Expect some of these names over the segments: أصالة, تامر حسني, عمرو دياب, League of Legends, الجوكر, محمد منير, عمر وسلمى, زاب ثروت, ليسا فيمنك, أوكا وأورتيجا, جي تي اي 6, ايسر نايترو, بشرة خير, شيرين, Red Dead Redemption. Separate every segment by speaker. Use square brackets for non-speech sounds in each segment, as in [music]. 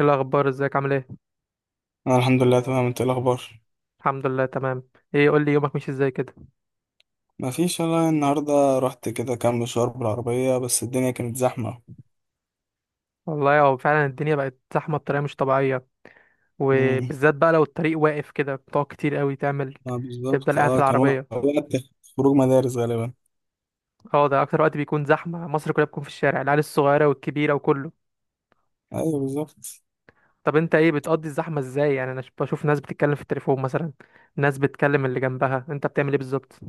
Speaker 1: إيه الاخبار، ازيك، عامل ايه؟
Speaker 2: انا الحمد لله تمام. انت إيه الاخبار؟
Speaker 1: الحمد لله تمام. ايه، قول لي، يومك ماشي ازاي كده؟
Speaker 2: ما فيش والله، النهارده رحت كده كام مشوار بالعربيه بس الدنيا كانت زحمه.
Speaker 1: والله هو فعلا الدنيا بقت زحمه بطريقه مش طبيعيه.
Speaker 2: امم
Speaker 1: وبالذات بقى لو الطريق واقف كده، بتقعد كتير قوي تعمل. تفضل
Speaker 2: بالظبط،
Speaker 1: قاعد في
Speaker 2: كان
Speaker 1: العربيه.
Speaker 2: وقت خروج مدارس غالبا.
Speaker 1: اه، ده اكتر وقت بيكون زحمه، مصر كلها بتكون في الشارع، العيال الصغيره والكبيره وكله.
Speaker 2: ايوه بالظبط.
Speaker 1: طب انت ايه، بتقضي الزحمه ازاي؟ يعني انا بشوف ناس بتتكلم في التليفون مثلا. ناس بتكلم اللي جنبها، انت بتعمل ايه بالظبط؟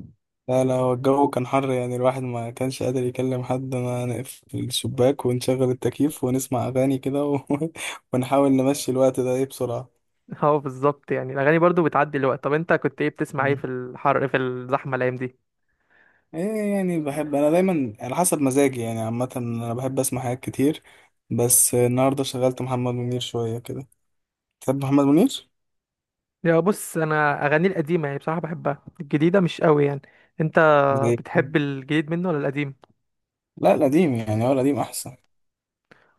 Speaker 2: لا لا، هو الجو كان حر، يعني الواحد ما كانش قادر يكلم حد، ما نقفل الشباك ونشغل التكييف ونسمع اغاني كده [laughs] ونحاول نمشي الوقت ده ايه بسرعه.
Speaker 1: [laughs] اه بالظبط، يعني الاغاني برضو بتعدي الوقت. طب انت كنت ايه، بتسمع ايه
Speaker 2: مم.
Speaker 1: في الحر في الزحمه الايام دي؟
Speaker 2: ايه يعني، بحب انا دايما على حسب مزاجي، يعني عامه انا بحب اسمع حاجات كتير، بس النهارده شغلت محمد منير شويه كده. تحب محمد منير؟
Speaker 1: يا بص، انا اغاني القديمه يعني بصراحه بحبها، الجديده مش قوي يعني. انت
Speaker 2: زي.
Speaker 1: بتحب الجديد منه ولا القديم؟
Speaker 2: لا، القديم يعني، هو القديم أحسن.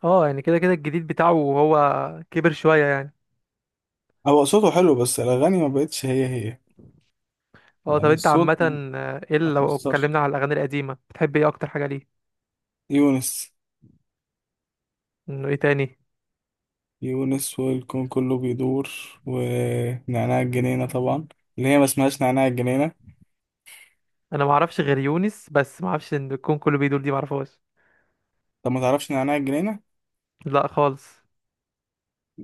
Speaker 1: اه يعني كده كده الجديد بتاعه، هو كبر شويه يعني.
Speaker 2: هو صوته حلو بس الأغاني ما بقتش هي هي.
Speaker 1: اه، طب
Speaker 2: يعني
Speaker 1: انت عامه.
Speaker 2: الصوت ما
Speaker 1: آه، ايه
Speaker 2: ما
Speaker 1: اللي، لو
Speaker 2: تأثرش.
Speaker 1: اتكلمنا على الاغاني القديمه، بتحب ايه اكتر حاجه؟ ليه؟
Speaker 2: يونس.
Speaker 1: انه ايه تاني؟
Speaker 2: يونس والكون كله بيدور. ونعناع الجنينة طبعا. اللي هي ما اسمهاش نعناع الجنينة.
Speaker 1: انا ما اعرفش غير يونس، بس ما اعرفش ان الكون كله بيدور دي، ما اعرفهاش.
Speaker 2: طب ما تعرفش نعناع الجنينة؟
Speaker 1: لا خالص.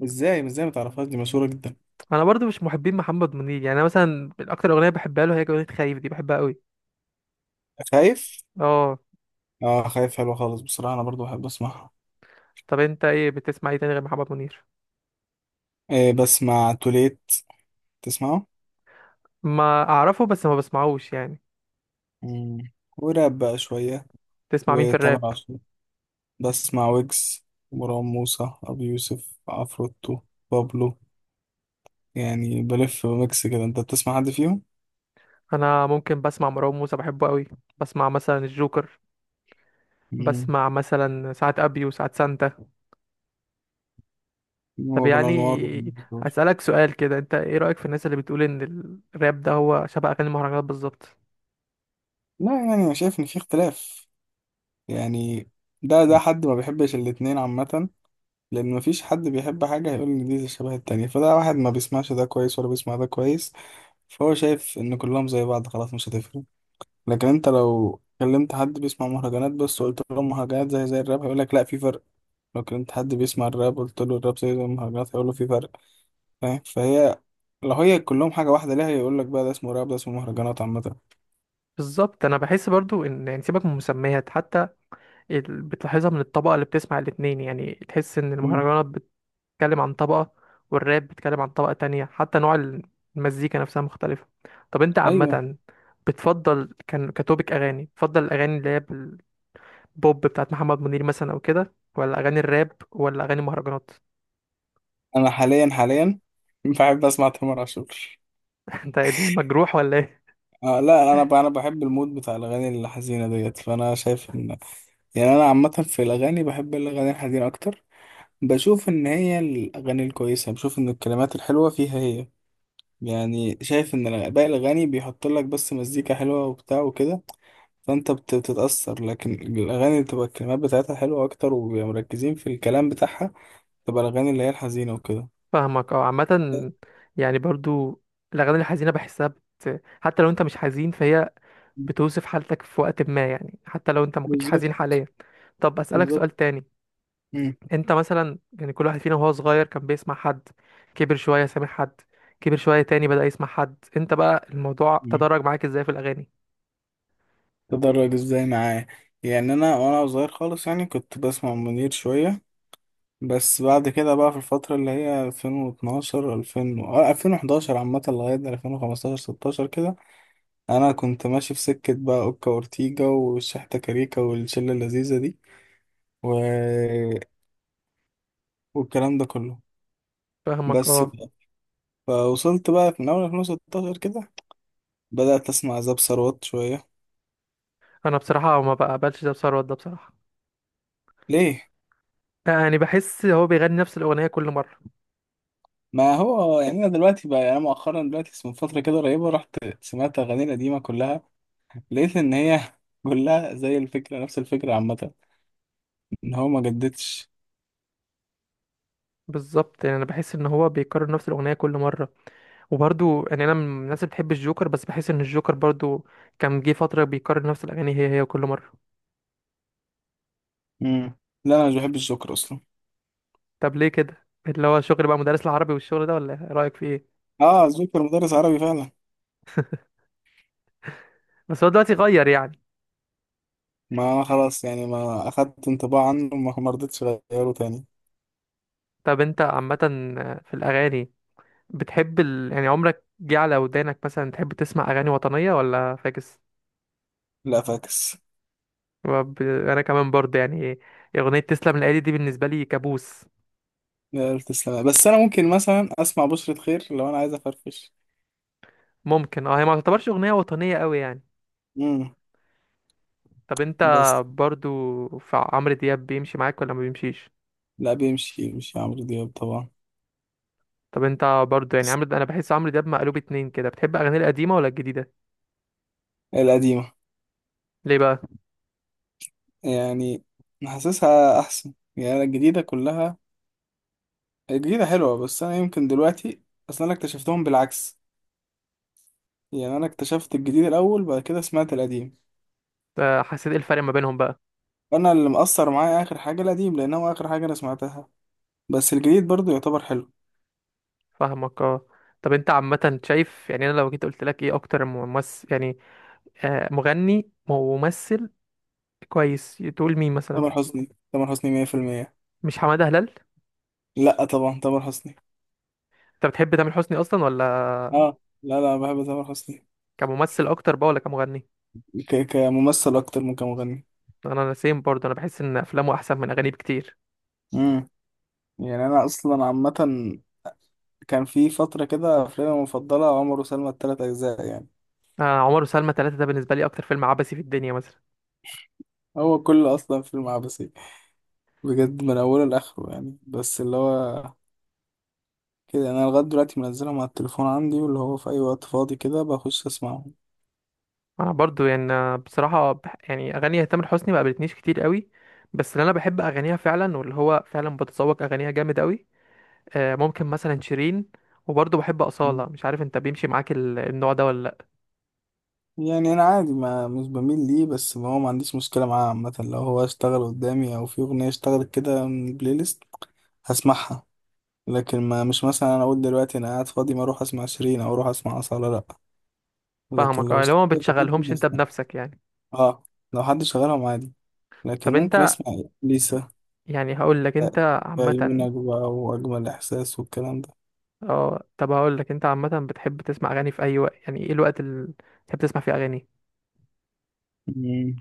Speaker 2: ازاي ازاي ما تعرفهاش، دي مشهورة جدا.
Speaker 1: انا برضو مش محبين محمد منير، يعني انا مثلا اكتر اغنيه بحبها له هي اغنيه خايف، دي بحبها قوي.
Speaker 2: خايف؟
Speaker 1: اه.
Speaker 2: اه خايف حلوة خالص، بصراحة أنا برضو بحب أسمعها.
Speaker 1: طب انت ايه، بتسمع ايه تاني غير محمد منير؟
Speaker 2: إيه، بسمع توليت. تسمعه؟
Speaker 1: ما اعرفه، بس ما بسمعوش يعني.
Speaker 2: مم. وراب بقى شوية.
Speaker 1: تسمع مين في
Speaker 2: وتامر
Speaker 1: الراب؟
Speaker 2: عاشور. بسمع ويجز. مروان موسى، أبي يوسف، عفروتو. بابلو. يعني بلف ميكس كده. أنت بتسمع حد فيهم؟
Speaker 1: انا ممكن بسمع مروان موسى، بحبه قوي. بسمع مثلا الجوكر.
Speaker 2: مم.
Speaker 1: بسمع مثلا ساعات ابي وساعات سانتا.
Speaker 2: هو
Speaker 1: طب
Speaker 2: أبو الأنوار.
Speaker 1: يعني
Speaker 2: وال-
Speaker 1: هسألك سؤال كده، انت ايه رأيك في الناس اللي بتقول ان الراب ده هو شبه اغاني المهرجانات بالظبط؟
Speaker 2: لا، يعني أنا شايف إن في اختلاف. يعني ده حد ما بيحبش الاتنين عامة، لأن مفيش حد بيحب حاجة هيقول إن دي شبه التانية، فده واحد ما بيسمعش ده كويس ولا بيسمع ده كويس، فهو شايف إن كلهم زي بعض، خلاص مش هتفرق. لكن أنت لو كلمت حد بيسمع مهرجانات بس وقلت له مهرجانات زي زي الراب، هيقول لك لا في فرق. لو كنت حد بيسمع الراب قلت له الراب زي زي المهرجانات هيقول له في فرق. فاهم، فهي لو هي كلهم حاجة واحدة ليه هيقول لك بقى ده اسمه راب ده اسمه مهرجانات، عامة.
Speaker 1: بالظبط، انا بحس برضو ان، يعني سيبك من المسميات حتى. بتلاحظها من الطبقة اللي بتسمع الاتنين، يعني تحس ان
Speaker 2: مم.
Speaker 1: المهرجانات بتتكلم عن طبقة، والراب بيتكلم عن طبقة تانية، حتى نوع المزيكا نفسها مختلفة. طب انت
Speaker 2: أيوه،
Speaker 1: عامة، بتفضل كان كتوبك أغاني بتفضل الأغاني اللي هي البوب بتاعت محمد منير مثلا أو كده، ولا أغاني الراب ولا أغاني مهرجانات؟
Speaker 2: أنا حاليا حاليا بحب أسمع تامر عاشور.
Speaker 1: [laughs] انت المجروح ولا ايه؟
Speaker 2: آه لا، أنا بحب المود بتاع الأغاني الحزينة ديت، فأنا شايف إن، يعني أنا عامة في الأغاني بحب الأغاني الحزينة أكتر. بشوف إن هي الأغاني الكويسة، بشوف إن الكلمات الحلوة فيها هي، يعني شايف إن باقي الأغاني بيحط لك بس مزيكا حلوة وبتاع وكده، بتتأثر، لكن الأغاني اللي بتبقى الكلمات بتاعتها حلوة أكتر وبيبقى مركزين في الكلام بتاعها، تبقى الأغاني اللي هي الحزينة وكده.
Speaker 1: فاهمك اه، عامة يعني برضو الأغاني الحزينة بحسها حتى لو انت مش حزين فهي بتوصف حالتك في وقت ما، يعني حتى لو انت ما كنتش حزين
Speaker 2: بالظبط.
Speaker 1: حاليا. طب أسألك
Speaker 2: بالظبط.
Speaker 1: سؤال تاني.
Speaker 2: مم.
Speaker 1: انت مثلا، يعني كل واحد فينا وهو صغير كان بيسمع حد، كبر شوية سامع حد، كبر شوية تاني بدأ يسمع حد. انت بقى الموضوع
Speaker 2: مم.
Speaker 1: تدرج معاك ازاي في الأغاني؟
Speaker 2: تدرج ازاي معايا. يعني أنا وأنا صغير خالص يعني كنت بسمع منير شوية، بس بعد كده بقى في الفترة اللي هي 2012 2000 2011 عامة لغاية 2015 16 كده، أنا كنت ماشي في سكة بقى أوكا وأورتيجا والشحتة كاريكا والشلة اللذيذة دي و... والكلام ده كله.
Speaker 1: فاهمك
Speaker 2: بس
Speaker 1: اه.
Speaker 2: فوصلت بقى في من أول 2016 كده بدأت أسمع زاب ثروت شوية.
Speaker 1: انا بصراحة ما بقبلش ده، بثروت ده بصراحة.
Speaker 2: ليه؟
Speaker 1: يعني بحس هو بيغني نفس الأغنية كل مرة.
Speaker 2: ما هو يعني أنا دلوقتي بقى، يعني أنا مؤخرا دلوقتي من فترة كده قريبة رحت سمعت أغاني القديمة كلها، لقيت إن هي [laughs] كلها زي الفكرة، نفس الفكرة عامة، إن هو ما جددش.
Speaker 1: بالظبط، يعني انا بحس ان هو بيكرر نفس الأغنية كل مرة. وبرضو يعني انا من الناس اللي بتحب الجوكر، بس بحس ان الجوكر برضو كان جه فترة بيكرر نفس الأغاني هي هي كل مرة.
Speaker 2: مم. لا أنا مش بحب الجوكر أصلا.
Speaker 1: طب ليه كده، اللي هو شغل بقى مدرس العربي والشغل ده، ولا إيه؟ رأيك في ايه؟
Speaker 2: آه الجوكر مدرس عربي فعلا.
Speaker 1: بس هو دلوقتي غير يعني.
Speaker 2: ما أنا خلاص يعني ما أخدت انطباع عنه، ما رضيتش أغيره تاني.
Speaker 1: طب انت عامة في الأغاني، بتحب يعني عمرك جه على ودانك مثلا تحب تسمع أغاني وطنية ولا فاكس؟
Speaker 2: لا فاكس.
Speaker 1: أنا كمان برضه يعني أغنية تسلم الآلي دي بالنسبة لي كابوس.
Speaker 2: لا تسلم، بس أنا ممكن مثلا أسمع بشرة خير لو أنا عايز أفرفش.
Speaker 1: ممكن اه، هي ما تعتبرش أغنية وطنية أوي يعني.
Speaker 2: مم.
Speaker 1: طب انت
Speaker 2: بس.
Speaker 1: برضه في عمرو دياب بيمشي معاك ولا ما بيمشيش؟
Speaker 2: لا بيمشي، يمشي عمرو دياب طبعا.
Speaker 1: طب انت برضه يعني أنا بحس عمرو دياب مقلوب اتنين كده، بتحب أغانيه القديمة ولا الجديدة؟
Speaker 2: القديمة.
Speaker 1: ليه بقى؟
Speaker 2: يعني حاسسها أحسن، يعني الجديدة كلها، الجديدة حلوة بس أنا يمكن دلوقتي، أصلا أنا اكتشفتهم بالعكس، يعني أنا اكتشفت الجديد الأول بعد كده سمعت القديم.
Speaker 1: اه، حسيت ايه الفرق ما بينهم بقى؟
Speaker 2: أنا اللي مأثر معايا آخر حاجة القديم، لأن هو آخر حاجة أنا سمعتها، بس الجديد برضو يعتبر حلو.
Speaker 1: فاهمك اه. طب انت عامة شايف، يعني انا لو جيت قلت لك ايه اكتر ممثل يعني مغني وممثل كويس، تقول مين مثلا؟
Speaker 2: تامر حسني، تامر حسني مية في المية.
Speaker 1: مش حمادة هلال؟
Speaker 2: لأ طبعا تامر حسني.
Speaker 1: انت بتحب تامر حسني اصلا ولا؟
Speaker 2: آه. لا لا، بحب تامر حسني.
Speaker 1: كممثل اكتر بقى ولا كمغني؟
Speaker 2: كممثل أكتر من كمغني.
Speaker 1: انا سيم برضه، انا بحس ان افلامه احسن من اغانيه بكتير.
Speaker 2: مم. يعني أنا أصلا عامة كان في فترة كده أفلامي المفضلة عمر وسلمى، التلات أجزاء يعني،
Speaker 1: آه، عمر وسلمى 3 ده بالنسبه لي اكتر فيلم عبثي في الدنيا مثلا.
Speaker 2: هو كل أصلا فيلم عبثي بجد من أوله لآخره، يعني بس اللي هو كده يعني، أنا لغاية دلوقتي منزلهم على التليفون عندي، واللي هو في أي وقت فاضي كده بخش أسمعهم.
Speaker 1: انا برضه يعني بصراحه يعني اغاني تامر حسني ما قابلتنيش كتير قوي، بس اللي انا بحب اغانيها فعلا واللي هو فعلا بتذوق اغانيها جامد قوي، ممكن مثلا شيرين. وبرضه بحب أصالة،
Speaker 2: مم.
Speaker 1: مش عارف انت بيمشي معاك النوع ده ولا؟
Speaker 2: يعني أنا عادي، ما مش بميل ليه بس ما هو ما عنديش مشكلة معاه عامة، لو هو اشتغل قدامي أو في أغنية اشتغلت كده من البلاي ليست هسمعها، لكن ما مش مثلا أنا أقول دلوقتي أنا قاعد فاضي ما أروح أسمع شيرين أو أروح أسمع أصالة، لأ، لكن
Speaker 1: فاهمك
Speaker 2: لو
Speaker 1: اه، اللي هو ما
Speaker 2: اشتغلت
Speaker 1: بتشغلهمش
Speaker 2: عادي
Speaker 1: انت
Speaker 2: هسمع.
Speaker 1: بنفسك يعني.
Speaker 2: اه، لو حد شغالهم عادي لكن
Speaker 1: طب
Speaker 2: ممكن
Speaker 1: انت،
Speaker 2: أسمع. ليسا.
Speaker 1: يعني هقول لك، انت عامة،
Speaker 2: فيمنك بقى وأجمل إحساس والكلام ده.
Speaker 1: اه طب هقول لك انت عامة، بتحب تسمع اغاني في اي وقت؟ يعني ايه الوقت اللي بتحب تسمع فيه اغاني؟
Speaker 2: مم.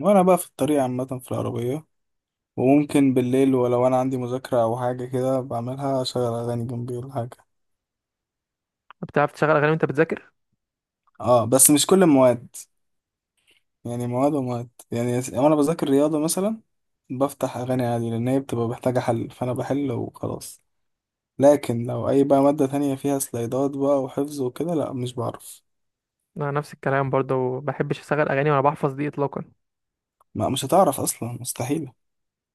Speaker 2: وأنا بقى في الطريق عامة في العربية، وممكن بالليل، ولو أنا عندي مذاكرة أو حاجة كده بعملها أشغل أغاني جنبي ولا حاجة.
Speaker 1: بتعرف تشغل اغاني وانت بتذاكر؟
Speaker 2: اه بس مش كل المواد، يعني مواد ومواد، يعني وأنا بذاكر رياضة مثلا بفتح أغاني عادي، لأن هي بتبقى محتاجة حل فأنا بحل وخلاص، لكن لو أي بقى مادة تانية فيها سلايدات بقى وحفظ وكده، لأ مش بعرف.
Speaker 1: انا نفس الكلام برضه، ما بحبش اشغل اغاني وانا بحفظ دي اطلاقا.
Speaker 2: ما مش هتعرف أصلا، مستحيل.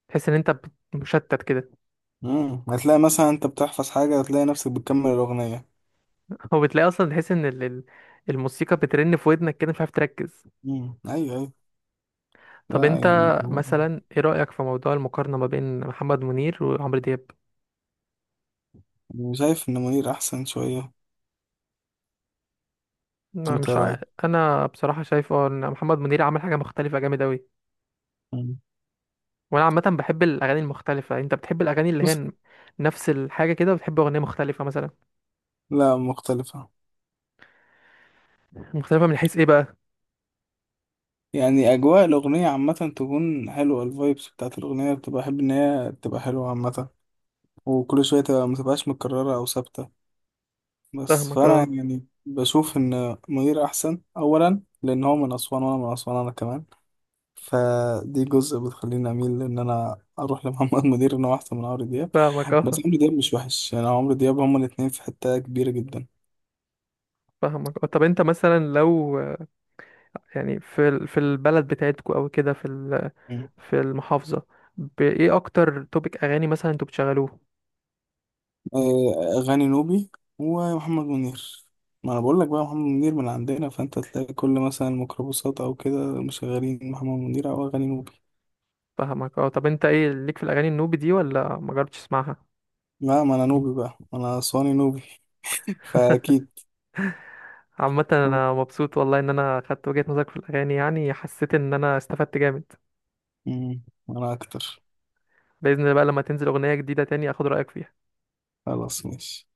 Speaker 1: تحس ان انت مشتت كده.
Speaker 2: مم. هتلاقي مثلا انت بتحفظ حاجة هتلاقي نفسك بتكمل الأغنية.
Speaker 1: [laughs] هو بتلاقي اصلا تحس ان الموسيقى بترن في ودنك كده مش عارف تركز.
Speaker 2: مم. أيوه أيوه.
Speaker 1: طب
Speaker 2: لا،
Speaker 1: انت مثلا ايه رأيك في موضوع المقارنة ما بين محمد منير وعمرو دياب؟
Speaker 2: أنا شايف إن منير أحسن شوية.
Speaker 1: ما
Speaker 2: أنت إيه
Speaker 1: مش عا...
Speaker 2: رأيك؟
Speaker 1: انا بصراحه شايف اه ان محمد منير عمل حاجه مختلفه جامد اوي.
Speaker 2: مم.
Speaker 1: وانا عامه بحب الاغاني المختلفه، انت بتحب الاغاني اللي هي
Speaker 2: بص.
Speaker 1: نفس الحاجه كده، بتحب اغنيه مختلفه مثلا؟
Speaker 2: لا مختلفة.
Speaker 1: مختلفه من حيث ايه بقى؟
Speaker 2: يعني أجواء الأغنية عامة تكون حلوة، الفايبس بتاعت الأغنية بتبقى أحب إن هي تبقى حلوة عامة، وكل شوية تبقى متبقاش متكررة أو ثابتة. بس
Speaker 1: فاهمك
Speaker 2: فأنا
Speaker 1: اه.
Speaker 2: يعني بشوف إن منير أحسن أولا لأن هو من أسوان وأنا من أسوان أنا كمان، فدي جزء بتخليني اميل ان انا اروح لمحمد [laughs] منير ان هو احسن من عمرو دياب.
Speaker 1: فاهمك
Speaker 2: بس
Speaker 1: اه.
Speaker 2: عمرو دياب مش وحش، يعني عمرو دياب هما الاتنين في حتة كبيرة جدا.
Speaker 1: فاهمك اه. طب انت مثلا لو، يعني في في البلد بتاعتكو او كده في
Speaker 2: مم.
Speaker 1: في المحافظه، بايه اكتر توبيك اغاني مثلا انتوا بتشغلوه؟
Speaker 2: آه، اغاني نوبي ومحمد منير. ما انا بقول لك بقى، محمد منير من عندنا فانت تلاقي كل مثلا ميكروباصات او كده مشغلين محمد منير او اغاني نوبي.
Speaker 1: فاهمك اه. طب انت ايه ليك في الاغاني النوبي دي ولا ما جربتش تسمعها؟
Speaker 2: لا ما انا نوبي بقى، ما انا اسواني نوبي [laughs]
Speaker 1: [laughs]
Speaker 2: فاكيد.
Speaker 1: عامة انا مبسوط والله ان انا خدت وجهة نظرك في الاغاني، يعني حسيت ان انا استفدت جامد.
Speaker 2: مم، انا اكتر.
Speaker 1: بإذن الله بقى لما تنزل اغنية جديدة تاني اخد رأيك فيها.
Speaker 2: خلاص ماشي.